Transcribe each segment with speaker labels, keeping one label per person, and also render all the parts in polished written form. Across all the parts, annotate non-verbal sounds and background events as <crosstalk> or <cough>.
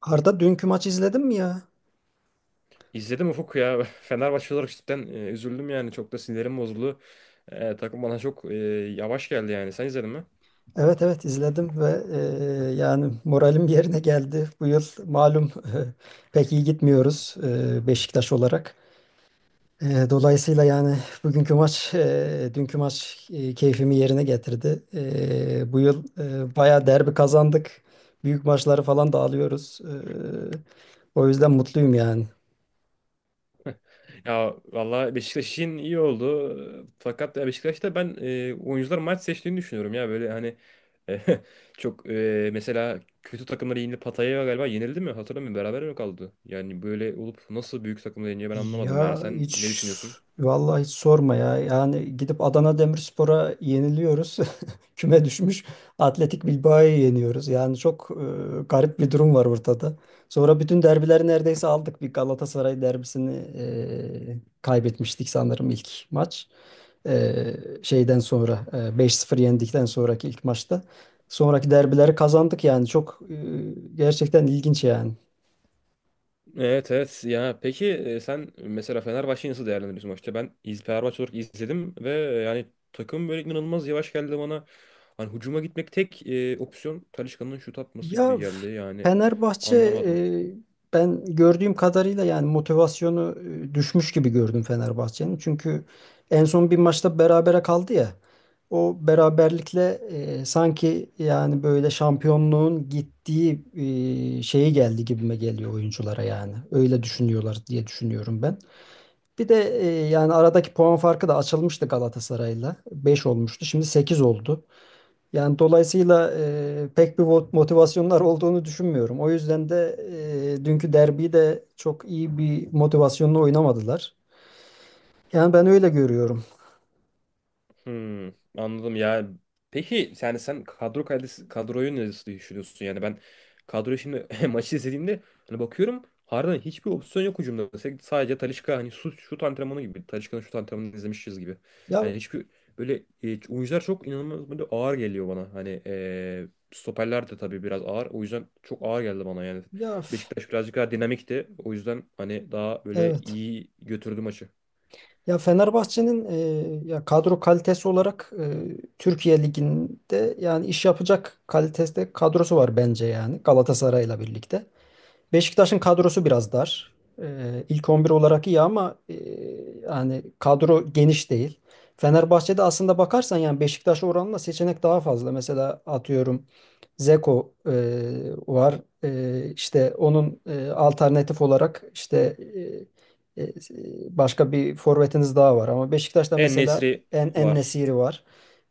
Speaker 1: Arda dünkü maçı izledin mi ya?
Speaker 2: İzledim Ufuk ya. <laughs> Fenerbahçe olarak cidden üzüldüm yani. Çok da sinirim bozuldu. Takım bana çok yavaş geldi yani. Sen izledin mi?
Speaker 1: Evet, evet, izledim ve yani moralim yerine geldi. Bu yıl malum <laughs> pek iyi gitmiyoruz Beşiktaş olarak. Dolayısıyla yani bugünkü maç, dünkü maç keyfimi yerine getirdi. Bu yıl bayağı derbi kazandık. Büyük maçları falan da alıyoruz. O yüzden mutluyum yani.
Speaker 2: Ya valla Beşiktaş için iyi oldu. Fakat ya Beşiktaş'ta ben oyuncular maç seçtiğini düşünüyorum ya. Böyle hani e, <laughs> çok mesela kötü takımları yenildi. Pattaya galiba yenildi mi? Hatırlamıyorum. Beraber mi kaldı? Yani böyle olup nasıl büyük takımları yeniyor, ben anlamadım yani.
Speaker 1: Ya
Speaker 2: Sen ne
Speaker 1: hiç
Speaker 2: düşünüyorsun?
Speaker 1: vallahi hiç sorma ya. Yani gidip Adana Demirspor'a yeniliyoruz. <laughs> küme düşmüş Atletik Bilbao'yu yeniyoruz. Yani çok garip bir durum var ortada. Sonra bütün derbileri neredeyse aldık. Bir Galatasaray derbisini kaybetmiştik sanırım ilk maç. E, Şeyden sonra 5-0 yendikten sonraki ilk maçta. Sonraki derbileri kazandık yani çok gerçekten ilginç yani.
Speaker 2: Evet, evet, ya peki sen mesela Fenerbahçe'yi nasıl değerlendiriyorsun maçta? Ben Fenerbahçe olarak izledim ve yani takım böyle inanılmaz yavaş geldi bana. Hani hücuma gitmek tek opsiyon Talisca'nın şut atması
Speaker 1: Ya
Speaker 2: gibi geldi yani,
Speaker 1: Fenerbahçe e,
Speaker 2: anlamadım.
Speaker 1: ben gördüğüm kadarıyla yani motivasyonu düşmüş gibi gördüm Fenerbahçe'nin. Çünkü en son bir maçta berabere kaldı ya. O beraberlikle sanki yani böyle şampiyonluğun gittiği şeyi geldi gibime geliyor oyunculara yani. Öyle düşünüyorlar diye düşünüyorum ben. Bir de yani aradaki puan farkı da açılmıştı Galatasaray'la. 5 olmuştu. Şimdi 8 oldu. Yani dolayısıyla pek bir motivasyonlar olduğunu düşünmüyorum. O yüzden de dünkü derbiyi de çok iyi bir motivasyonla oynamadılar. Yani ben öyle görüyorum.
Speaker 2: Hmm, Anladım ya. Peki yani sen kadro kalitesi, kadroyu nasıl düşünüyorsun? Yani ben kadroyu şimdi <laughs> maçı izlediğimde hani bakıyorum, harbiden hiçbir opsiyon yok hücumda. Sadece Talisca hani şut, şut antrenmanı gibi. Talisca'nın şut antrenmanını izlemişiz gibi.
Speaker 1: Ya
Speaker 2: Yani hiçbir böyle oyuncular çok inanılmaz böyle ağır geliyor bana. Hani stoperler de tabii biraz ağır. O yüzden çok ağır geldi bana yani.
Speaker 1: ya
Speaker 2: Beşiktaş birazcık daha dinamikti. O yüzden hani daha böyle
Speaker 1: evet.
Speaker 2: iyi götürdü maçı.
Speaker 1: Ya Fenerbahçe'nin ya kadro kalitesi olarak Türkiye Ligi'nde yani iş yapacak kalitede kadrosu var bence yani Galatasaray'la birlikte. Beşiktaş'ın kadrosu biraz dar. İlk 11 olarak iyi ama yani kadro geniş değil. Fenerbahçe'de aslında bakarsan yani Beşiktaş oranla seçenek daha fazla. Mesela atıyorum Zeko var. İşte onun alternatif olarak işte e, e, başka bir forvetiniz daha var. Ama Beşiktaş'ta mesela
Speaker 2: En-Nesyri var.
Speaker 1: En-Nesyri var.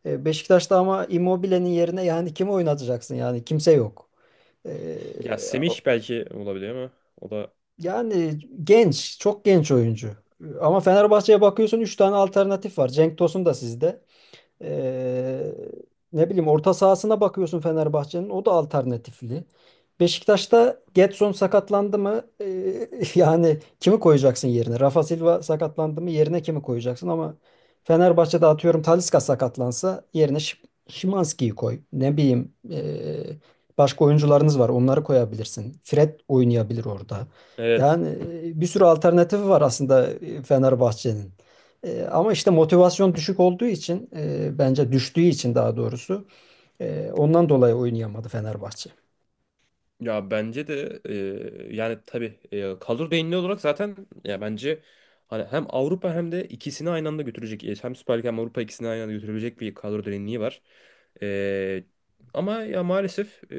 Speaker 1: Beşiktaş'ta ama Immobile'nin yerine yani kimi oynatacaksın? Yani kimse yok. Ee,
Speaker 2: Ya Semih belki olabilir ama o da.
Speaker 1: Yani genç, çok genç oyuncu. Ama Fenerbahçe'ye bakıyorsun 3 tane alternatif var. Cenk Tosun da sizde. Ee, Ne bileyim orta sahasına bakıyorsun Fenerbahçe'nin o da alternatifli. Beşiktaş'ta Gedson sakatlandı mı? <laughs> Yani kimi koyacaksın yerine? Rafa Silva sakatlandı mı? Yerine kimi koyacaksın? Ama Fenerbahçe'de atıyorum Talisca sakatlansa yerine Szymański'yi koy. Ne bileyim başka oyuncularınız var onları koyabilirsin. Fred oynayabilir orada.
Speaker 2: Evet,
Speaker 1: Yani bir sürü alternatifi var aslında Fenerbahçe'nin. Ama işte motivasyon düşük olduğu için bence düştüğü için daha doğrusu ondan dolayı oynayamadı Fenerbahçe.
Speaker 2: ya bence de yani tabii kadro derinliği olarak zaten, ya bence hani hem Avrupa hem de ikisini aynı anda götürecek, hem Süper Lig hem Avrupa, ikisini aynı anda götürebilecek bir kadro derinliği var. E, Ama ya maalesef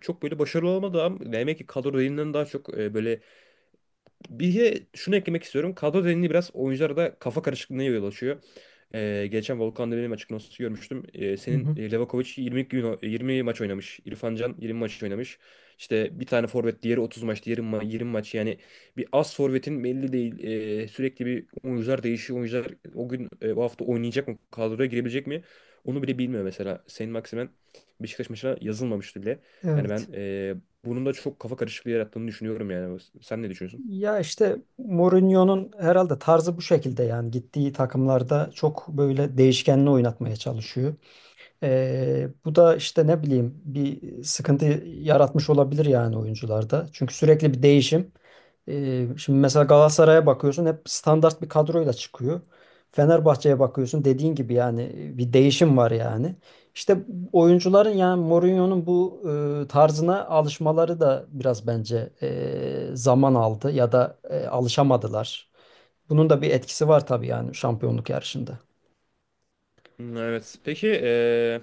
Speaker 2: çok böyle başarılı olamadı, ama demek ki kadro derinliğinden daha çok böyle. Bir şunu eklemek istiyorum. Kadro derinliği biraz oyunculara da kafa karışıklığına yol açıyor. Geçen Volkan Demirel'in açıklaması görmüştüm.
Speaker 1: Hı
Speaker 2: Senin
Speaker 1: hı.
Speaker 2: Levakovic 20 gün 20 maç oynamış. İrfan Can 20 maç oynamış. İşte bir tane forvet, diğeri 30 maç, diğeri 20 maç. Yani bir az forvetin belli değil. Sürekli bir oyuncular değişiyor. Oyuncular o gün o hafta oynayacak mı? Kadroya girebilecek mi? Onu bile bilmiyor mesela. Saint Maximin Beşiktaş maçına yazılmamıştı bile. Yani ben
Speaker 1: Evet.
Speaker 2: bunun da çok kafa karışıklığı yarattığını düşünüyorum yani. Sen ne düşünüyorsun?
Speaker 1: Ya işte Mourinho'nun herhalde tarzı bu şekilde yani gittiği takımlarda çok böyle değişkenli oynatmaya çalışıyor. Bu da işte ne bileyim bir sıkıntı yaratmış olabilir yani oyuncularda. Çünkü sürekli bir değişim. Şimdi mesela Galatasaray'a bakıyorsun hep standart bir kadroyla çıkıyor. Fenerbahçe'ye bakıyorsun dediğin gibi yani bir değişim var yani. İşte oyuncuların yani Mourinho'nun bu tarzına alışmaları da biraz bence zaman aldı ya da alışamadılar. Bunun da bir etkisi var tabii yani şampiyonluk yarışında.
Speaker 2: Hmm, evet. Peki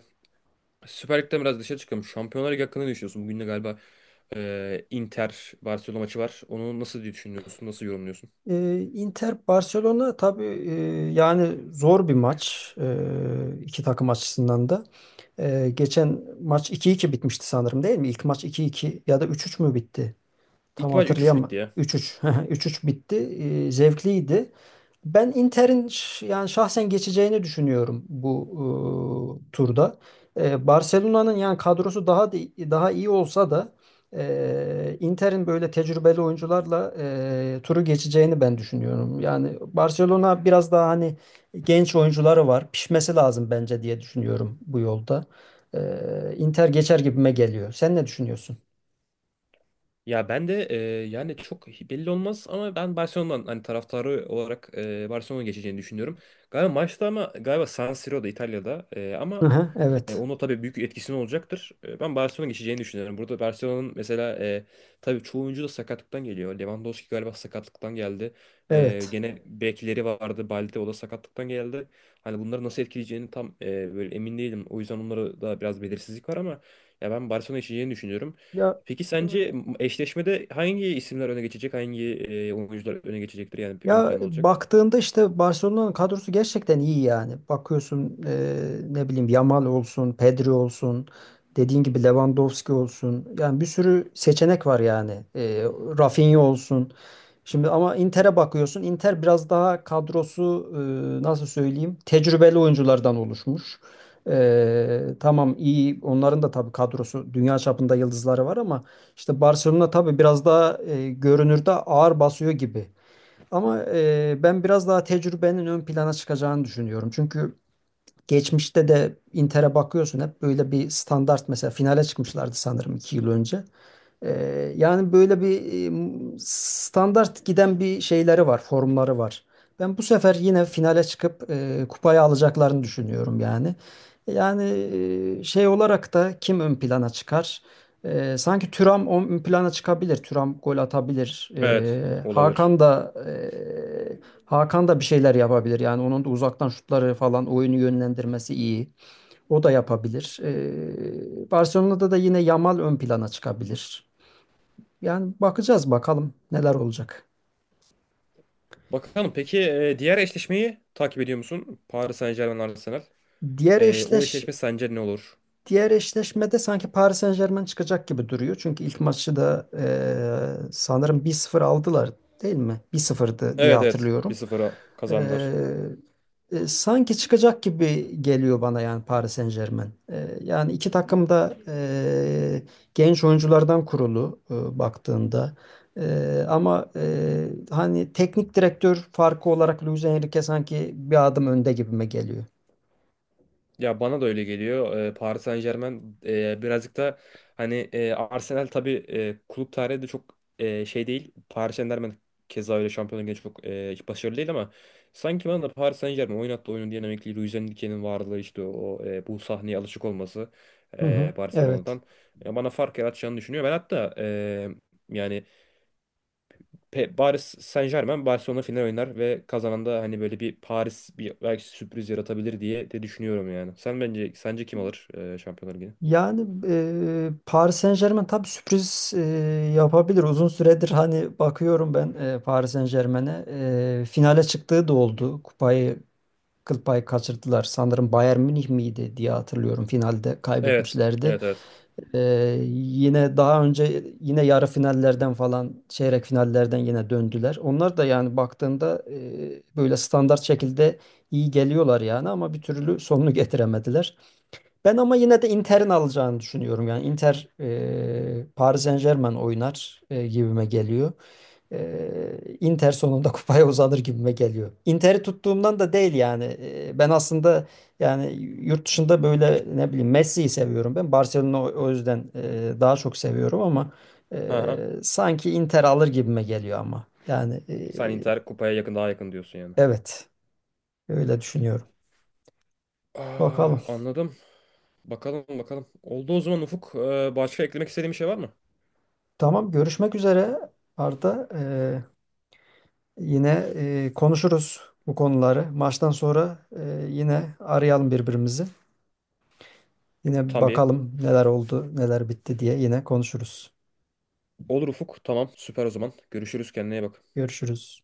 Speaker 2: Süper Lig'den biraz dışarı çıkalım. Şampiyonlar Ligi hakkında ne düşünüyorsun? Bugün de galiba Inter Barcelona maçı var. Onu nasıl diye düşünüyorsun? Nasıl yorumluyorsun?
Speaker 1: Inter Barcelona tabii yani zor bir maç iki takım açısından da. Geçen maç 2-2 bitmişti sanırım değil mi? İlk maç 2-2 ya da 3-3 mü bitti? Tam
Speaker 2: İlk maç üç 3 bitti
Speaker 1: hatırlayamadım.
Speaker 2: ya.
Speaker 1: 3-3 <laughs> 3-3 bitti. Zevkliydi. Ben Inter'in yani şahsen geçeceğini düşünüyorum bu turda. Barcelona'nın yani kadrosu daha iyi olsa da Inter'in böyle tecrübeli oyuncularla turu geçeceğini ben düşünüyorum. Yani Barcelona biraz daha hani genç oyuncuları var. Pişmesi lazım bence diye düşünüyorum bu yolda. Inter geçer gibime geliyor. Sen ne düşünüyorsun?
Speaker 2: Ya ben de yani çok belli olmaz ama ben Barcelona'dan hani, taraftarı olarak Barcelona'ya geçeceğini düşünüyorum. Galiba maçta, ama galiba San Siro'da, İtalya'da,
Speaker 1: Hı
Speaker 2: ama
Speaker 1: hı, evet.
Speaker 2: onun tabii büyük etkisi olacaktır. Ben Barcelona'ya geçeceğini düşünüyorum. Burada Barcelona'nın mesela tabii çoğu oyuncu da sakatlıktan geliyor. Lewandowski galiba sakatlıktan geldi.
Speaker 1: Evet.
Speaker 2: Gene bekleri vardı. Balde, o da sakatlıktan geldi. Hani bunları nasıl etkileyeceğini tam böyle emin değilim. O yüzden onlara da biraz belirsizlik var ama ya ben Barcelona geçeceğini düşünüyorum.
Speaker 1: Ya
Speaker 2: Peki sence eşleşmede hangi isimler öne geçecek? Hangi oyuncular öne geçecektir? Yani ön
Speaker 1: Ya
Speaker 2: plan olacak.
Speaker 1: baktığında işte Barcelona'nın kadrosu gerçekten iyi yani. Bakıyorsun ne bileyim Yamal olsun, Pedri olsun, dediğin gibi Lewandowski olsun. Yani bir sürü seçenek var yani. Rafinha olsun. Şimdi ama Inter'e bakıyorsun. Inter biraz daha kadrosu nasıl söyleyeyim? Tecrübeli oyunculardan oluşmuş. Tamam iyi onların da tabii kadrosu dünya çapında yıldızları var ama işte Barcelona tabii biraz daha görünürde ağır basıyor gibi. Ama ben biraz daha tecrübenin ön plana çıkacağını düşünüyorum. Çünkü geçmişte de Inter'e bakıyorsun hep böyle bir standart mesela finale çıkmışlardı sanırım 2 yıl önce. Yani böyle bir standart giden bir şeyleri var, formları var. Ben bu sefer yine finale çıkıp kupayı alacaklarını düşünüyorum yani. Yani şey olarak da kim ön plana çıkar? Sanki Thuram ön plana çıkabilir. Thuram gol atabilir.
Speaker 2: Evet, olabilir.
Speaker 1: Hakan da bir şeyler yapabilir. Yani onun da uzaktan şutları falan oyunu yönlendirmesi iyi. O da yapabilir. Barcelona'da da yine Yamal ön plana çıkabilir. Yani bakacağız bakalım neler olacak.
Speaker 2: Bakalım, peki diğer eşleşmeyi takip ediyor musun? Paris Saint-Germain Arsenal.
Speaker 1: Diğer
Speaker 2: O
Speaker 1: eşleş
Speaker 2: eşleşme sence ne olur?
Speaker 1: Diğer eşleşmede sanki Paris Saint-Germain çıkacak gibi duruyor. Çünkü ilk maçı da sanırım 1-0 aldılar değil mi? 1-0'dı diye
Speaker 2: Evet, evet, bir
Speaker 1: hatırlıyorum.
Speaker 2: sıfıra
Speaker 1: E,
Speaker 2: kazandılar.
Speaker 1: sanki çıkacak gibi geliyor bana yani Paris Saint-Germain. Yani iki takım da genç oyunculardan kurulu baktığında. Ama hani teknik direktör farkı olarak Luis Enrique sanki bir adım önde gibime geliyor.
Speaker 2: Ya bana da öyle geliyor. Paris Saint-Germain birazcık da hani, Arsenal tabii, kulüp tarihi de çok şey değil. Paris Saint-Germain keza öyle Şampiyonlar Ligi'nde çok hiç başarılı değil, ama sanki bana da Paris Saint-Germain oynattığı oyunun dinamikliği, Luis Enrique'nin varlığı, işte o, bu sahneye alışık olması,
Speaker 1: Hı hı. Evet.
Speaker 2: Barcelona'dan bana fark yaratacağını düşünüyor. Ben hatta yani Paris Saint-Germain Barcelona final oynar ve kazanan da hani böyle bir Paris, bir belki sürpriz yaratabilir diye de düşünüyorum yani. Sen, bence, sence kim alır Şampiyonlar Ligi'ni?
Speaker 1: Yani Paris Saint-Germain tabii sürpriz yapabilir. Uzun süredir hani bakıyorum ben Paris Saint-Germain'e. Finale çıktığı da oldu. Kupayı kıl payı kaçırdılar. Sanırım Bayern Münih miydi diye hatırlıyorum. Finalde
Speaker 2: Evet.
Speaker 1: kaybetmişlerdi.
Speaker 2: Evet, evet.
Speaker 1: Yine daha önce yine yarı finallerden falan çeyrek finallerden yine döndüler. Onlar da yani baktığında böyle standart şekilde iyi geliyorlar yani ama bir türlü sonunu <laughs> getiremediler. Ben ama yine de Inter'in alacağını düşünüyorum. Yani Inter Paris Saint-Germain oynar gibime geliyor. Inter sonunda <laughs> kupaya uzanır gibime geliyor. Inter'i tuttuğumdan da değil yani. Ben aslında yani yurt dışında böyle ne bileyim Messi'yi seviyorum ben. Barcelona o yüzden daha çok seviyorum ama
Speaker 2: Hı hı.
Speaker 1: sanki Inter alır gibime geliyor ama. Yani
Speaker 2: Sen Inter kupaya yakın, daha yakın diyorsun yani.
Speaker 1: evet öyle düşünüyorum. Bakalım.
Speaker 2: Aa, anladım. Bakalım, bakalım. Oldu o zaman Ufuk. Başka eklemek istediğin bir şey var mı?
Speaker 1: Tamam görüşmek üzere Arda. Yine konuşuruz bu konuları. Maçtan sonra yine arayalım birbirimizi. Yine
Speaker 2: Tabii.
Speaker 1: bakalım neler oldu, neler bitti diye yine konuşuruz.
Speaker 2: Olur Ufuk. Tamam. Süper o zaman. Görüşürüz. Kendine iyi bak.
Speaker 1: Görüşürüz.